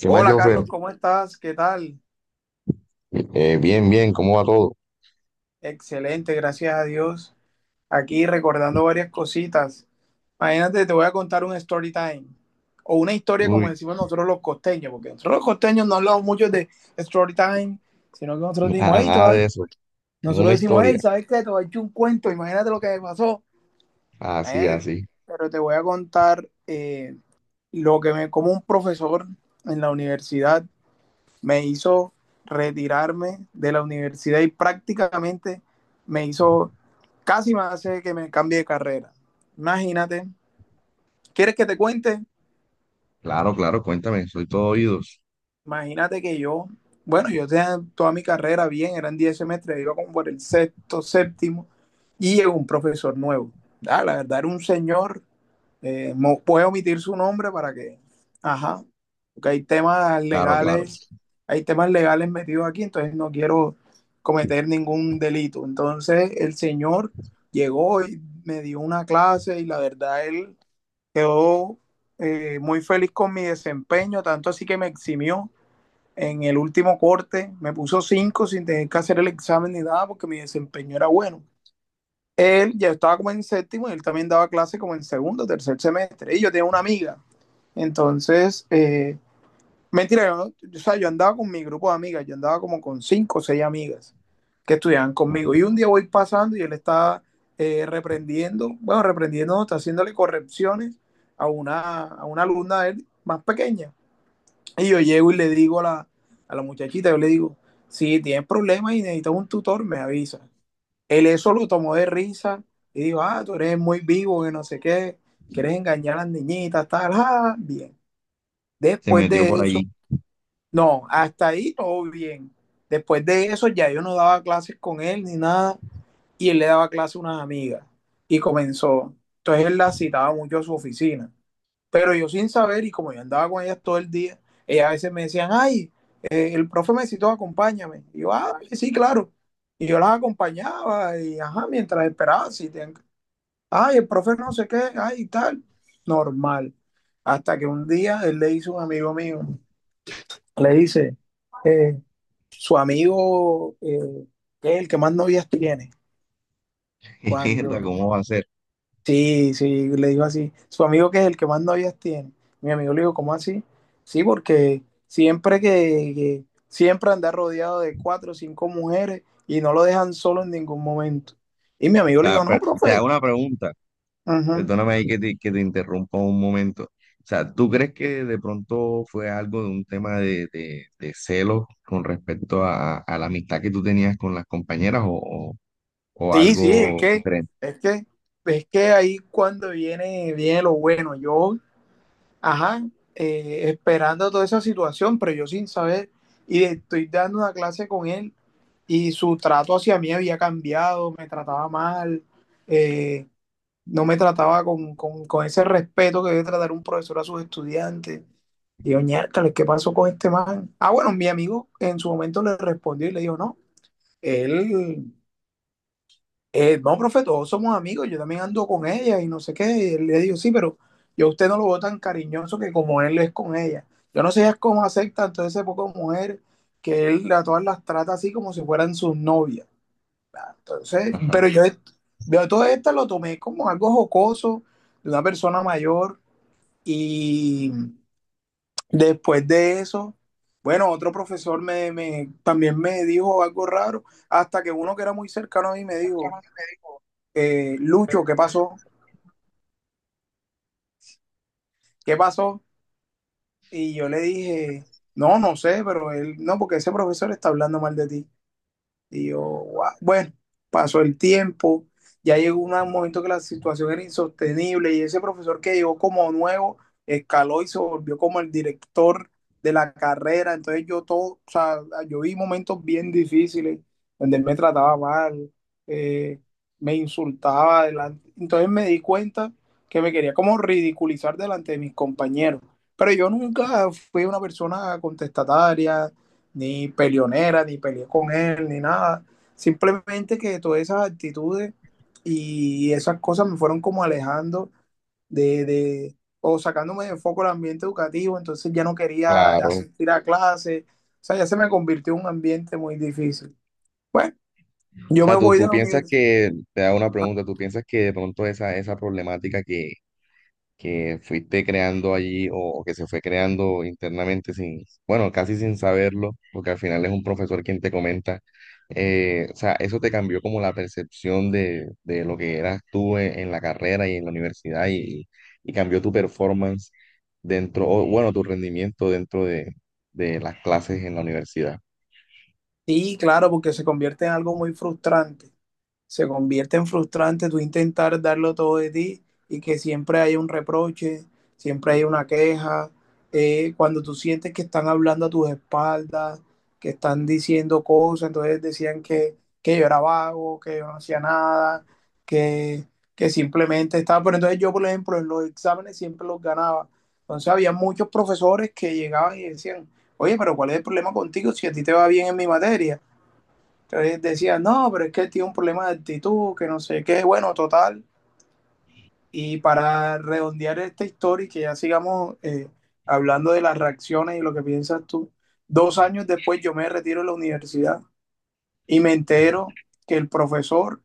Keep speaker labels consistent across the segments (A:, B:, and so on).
A: ¿Qué más,
B: Hola Carlos,
A: Jonfer?
B: ¿cómo estás? ¿Qué tal?
A: Bien, bien, ¿cómo va todo?
B: Excelente, gracias a Dios. Aquí recordando varias cositas. Imagínate, te voy a contar un story time o una historia como
A: Uy,
B: decimos nosotros los costeños, porque nosotros los costeños no hablamos mucho de story time, sino que nosotros decimos,
A: nada,
B: hey,
A: nada
B: todavía,
A: de eso.
B: nosotros
A: Una
B: decimos, hey,
A: historia.
B: ¿sabes qué? Te voy a echar un cuento, imagínate lo que me pasó.
A: Así,
B: Imagínate.
A: así.
B: Pero te voy a contar lo que me, como un profesor en la universidad me hizo retirarme de la universidad y prácticamente me hizo, casi me hace que me cambie de carrera. Imagínate, ¿quieres que te cuente?
A: Claro, claro, cuéntame, soy todo oídos.
B: Imagínate que yo, bueno, yo tenía toda mi carrera bien, eran 10 semestres, iba como por el sexto, séptimo, y llegó un profesor nuevo. Ah, la verdad era un señor, puedo omitir su nombre para que, ajá, porque
A: Claro, claro.
B: hay temas legales metidos aquí, entonces no quiero cometer ningún delito. Entonces el señor llegó y me dio una clase y la verdad él quedó muy feliz con mi desempeño, tanto así que me eximió en el último corte me puso 5 sin tener que hacer el examen ni nada porque mi desempeño era bueno. Él ya estaba como en séptimo y él también daba clase como en segundo, tercer semestre. Y yo tenía una amiga. Entonces, eh, mentira, yo, no, o sea, yo andaba con mi grupo de amigas, yo andaba como con 5, o seis amigas que estudiaban
A: Ah,
B: conmigo. Y un día voy pasando y él está reprendiendo, bueno, reprendiendo, está haciéndole correcciones a una alumna de él más pequeña. Y yo llego y le digo a la muchachita, yo le digo, si tienes problemas y necesitas un tutor, me avisa. Él eso lo tomó de risa y dijo, ah, tú eres muy vivo, que no sé qué, quieres engañar a las niñitas, tal, ah, bien.
A: se
B: Después
A: metió
B: de
A: por
B: eso,
A: allí.
B: no, hasta ahí todo bien. Después de eso ya yo no daba clases con él ni nada y él le daba clases a unas amigas y comenzó. Entonces él la citaba mucho a su oficina, pero yo sin saber, y como yo andaba con ellas todo el día, ellas a veces me decían, ay, el profe me citó, acompáñame. Y yo, ah, vale, sí, claro. Y yo las acompañaba y, ajá, mientras esperaba, si te... ay, el profe no sé qué, ay, tal. Normal. Hasta que un día él le dice a un amigo mío, le dice, eh, su amigo, que es el que más novias tiene,
A: Mierda,
B: cuando.
A: ¿cómo va a ser?
B: Sí, sí, le dijo así. Su amigo que es el que más novias tiene. Mi amigo le dijo, ¿cómo así? Sí, porque siempre siempre anda rodeado de cuatro o cinco mujeres y no lo dejan solo en ningún momento. Y mi
A: O
B: amigo le dijo,
A: sea,
B: no,
A: pero te hago
B: profe.
A: una pregunta.
B: Ujú.
A: Perdóname ahí que te interrumpa un momento. O sea, ¿tú crees que de pronto fue algo de un tema de celos con respecto a la amistad que tú tenías con las compañeras o, o
B: Sí, sí,
A: algo diferente?
B: es que, es que ahí cuando viene, viene lo bueno. Yo. Ajá, esperando toda esa situación, pero yo sin saber, y estoy dando una clase con él y su trato hacia mí había cambiado, me trataba mal, eh, no me trataba con ese respeto que debe tratar un profesor a sus estudiantes. Y yo, "Ñércoles, ¿qué pasó con este man? Ah, bueno, mi amigo en su momento le respondió y le dijo, no, él no, profe, todos somos amigos, yo también ando con ella y no sé qué. Y le digo, sí, pero yo a usted no lo veo tan cariñoso que como él es con ella. Yo no sé ya cómo aceptan todas esas pocas mujer que él a todas las trata así como si fueran sus novias. Entonces,
A: Ajá.
B: pero yo todo esto lo tomé como algo jocoso de una persona mayor y después de eso, bueno, otro profesor también me dijo algo raro, hasta que uno que era muy cercano a mí me dijo, Lucho, ¿qué pasó? ¿Qué pasó? Y yo le dije, no, no sé, pero él, no, porque ese profesor está hablando mal de ti. Y yo, "Guau". Bueno, pasó el tiempo, ya llegó un momento que la situación era insostenible y ese profesor que llegó como nuevo escaló y se volvió como el director de la carrera. Entonces yo todo, o sea, yo vi momentos bien difíciles donde él me trataba mal, eh, me insultaba delante. Entonces me di cuenta que me quería como ridiculizar delante de mis compañeros. Pero yo nunca fui una persona contestataria ni peleonera, ni peleé con él, ni nada. Simplemente que todas esas actitudes y esas cosas me fueron como alejando de o sacándome de foco el ambiente educativo, entonces ya no quería
A: Claro.
B: asistir a clases, o sea, ya se me convirtió en un ambiente muy difícil. Bueno,
A: O
B: yo me
A: sea, tú,
B: voy de
A: tú
B: la
A: piensas
B: universidad.
A: que, te hago una pregunta, tú piensas que de pronto esa, esa problemática que fuiste creando allí o que se fue creando internamente sin, bueno, casi sin saberlo, porque al final es un profesor quien te comenta, o sea, eso te cambió como la percepción de lo que eras tú en la carrera y en la universidad y cambió tu performance dentro, o bueno, tu rendimiento dentro de las clases en la universidad.
B: Sí, claro, porque se convierte en algo muy frustrante. Se convierte en frustrante tú intentar darlo todo de ti y que siempre hay un reproche, siempre hay una queja. Cuando tú sientes que están hablando a tus espaldas, que están diciendo cosas, entonces decían que yo era vago, que yo no hacía nada, que, que simplemente estaba. Pero entonces yo, por ejemplo, en los exámenes siempre los ganaba. Entonces había muchos profesores que llegaban y decían, oye, pero ¿cuál es el problema contigo si a ti te va bien en mi materia? Entonces decía, no, pero es que él tiene un problema de actitud, que no sé qué, bueno, total. Y para redondear esta historia y que ya sigamos hablando de las reacciones y lo que piensas tú, dos años después yo me retiro de la universidad y me entero que el profesor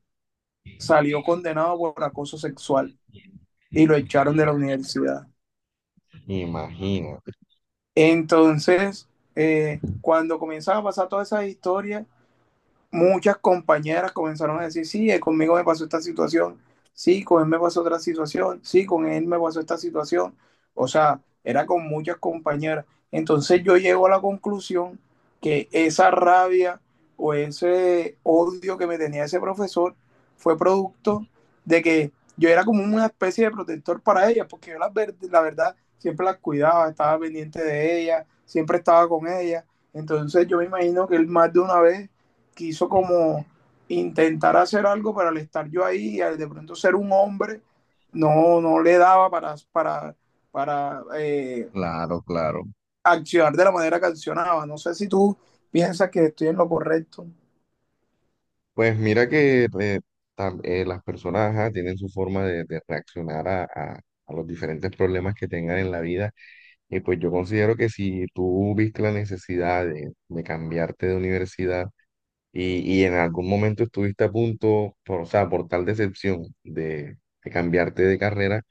B: salió condenado por acoso sexual y lo echaron de la universidad.
A: Imagino.
B: Entonces, cuando comienzan a pasar todas esas historias, muchas compañeras comenzaron a decir, sí, conmigo me pasó esta situación, sí, con él me pasó otra situación, sí, con él me pasó esta situación. O sea, era con muchas compañeras. Entonces yo llego a la conclusión que esa rabia o ese odio que me tenía ese profesor fue producto de que yo era como una especie de protector para ellas, porque yo la verdad siempre las cuidaba, estaba pendiente de ellas, siempre estaba con ellas. Entonces yo me imagino que él más de una vez quiso como intentar hacer algo, pero al estar yo ahí y al de pronto ser un hombre, no, no le daba para
A: Claro, claro.
B: accionar de la manera que accionaba. No sé si tú piensas que estoy en lo correcto.
A: Pues mira que las personas, ajá, tienen su forma de reaccionar a a los diferentes problemas que tengan en la vida. Y pues yo considero que si tú viste la necesidad de cambiarte de universidad y en algún momento estuviste a punto, por, o sea, por tal decepción de cambiarte de carrera,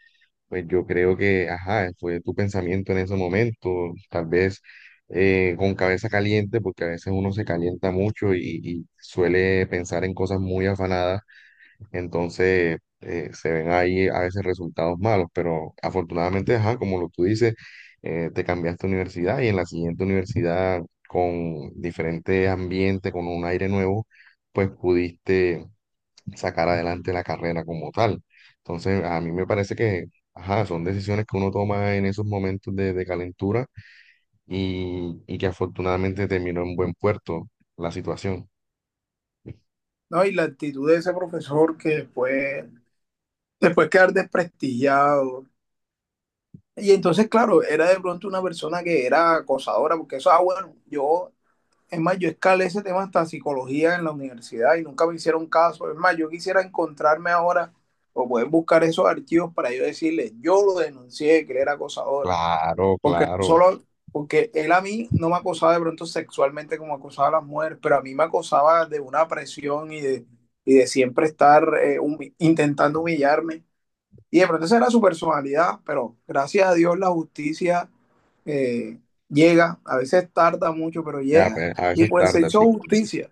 A: pues yo creo que, ajá, fue tu pensamiento en ese momento, tal vez, con cabeza caliente, porque a veces uno se calienta mucho y suele pensar en cosas muy afanadas, entonces, se ven ahí a veces resultados malos, pero afortunadamente, ajá, como lo tú dices, te cambiaste de universidad y en la siguiente universidad con diferente ambiente, con un aire nuevo, pues pudiste sacar adelante la carrera como tal. Entonces, a mí me parece que, ajá, son decisiones que uno toma en esos momentos de calentura y que afortunadamente terminó en buen puerto la situación.
B: ¿No? Y la actitud de ese profesor que después, después quedar desprestigiado. Y entonces, claro, era de pronto una persona que era acosadora, porque eso, ah, bueno, yo. Es más, yo escalé ese tema hasta psicología en la universidad y nunca me hicieron caso. Es más, yo quisiera encontrarme ahora o poder buscar esos archivos para yo decirle, yo lo denuncié, que él era acosador.
A: Claro,
B: Porque no
A: claro.
B: solo, porque él a mí no me acosaba de pronto sexualmente como acosaba a las mujeres, pero a mí me acosaba de una presión y de siempre estar intentando humillarme. Y de pronto esa era su personalidad, pero gracias a Dios la justicia eh, llega, a veces tarda mucho, pero
A: Ya,
B: llega.
A: pues, a
B: Y
A: veces
B: pues se
A: tarda,
B: hizo
A: sí. Correcto.
B: justicia.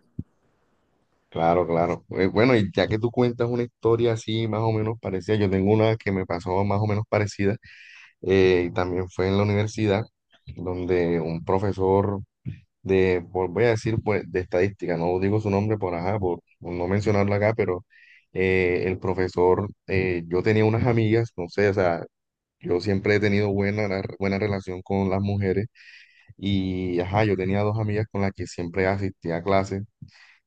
A: Claro, claro. Bueno, y ya que tú cuentas una historia así más o menos parecida, yo tengo una que me pasó más o menos parecida, y también fue en la universidad, donde un profesor de, voy a decir, pues, de estadística, no digo su nombre por, ajá, por no mencionarlo acá, pero, el profesor, yo tenía unas amigas, no sé, o sea, yo siempre he tenido buena, buena relación con las mujeres y, ajá, yo tenía dos amigas con las que siempre asistía a clases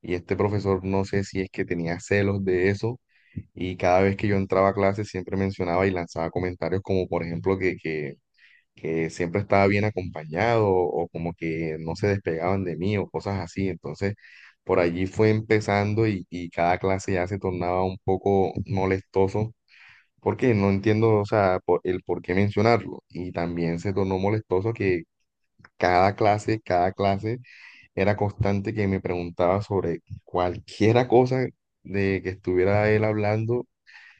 A: y este profesor, no sé si es que tenía celos de eso y cada vez que yo entraba a clases siempre mencionaba y lanzaba comentarios como, por ejemplo, que siempre estaba bien acompañado o como que no se despegaban de mí o cosas así. Entonces, por allí fue empezando y cada clase ya se tornaba un poco molestoso porque no entiendo, o sea, el por qué mencionarlo. Y también se tornó molestoso que cada clase era constante que me preguntaba sobre cualquiera cosa de que estuviera él hablando,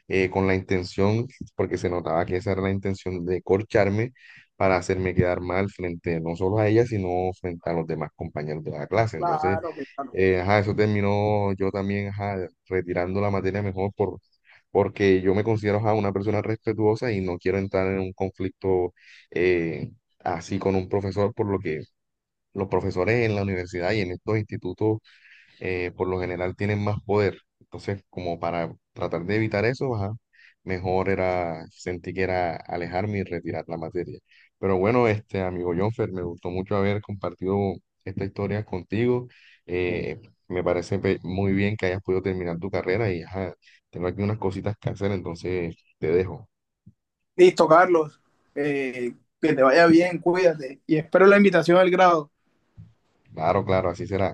A: con la intención, porque se notaba que esa era la intención de corcharme para hacerme quedar mal frente no solo a ella, sino frente a los demás compañeros de la clase. Entonces,
B: Claro, que claro.
A: ajá, eso terminó yo también, ajá, retirando la materia mejor por, porque yo me considero, ajá, una persona respetuosa y no quiero entrar en un conflicto, eh, así con un profesor, por lo que los profesores en la universidad y en estos institutos, por lo general tienen más poder. Entonces, como para tratar de evitar eso, ajá, mejor era, sentí que era alejarme y retirar la materia. Pero bueno, este amigo Jonfer, me gustó mucho haber compartido esta historia contigo. Eh, Me parece muy bien que hayas podido terminar tu carrera y, ajá, tengo aquí unas cositas que hacer, entonces te dejo.
B: Listo, Carlos. eh, que te vaya bien, cuídate. Y espero la invitación al grado.
A: Claro, claro, así será.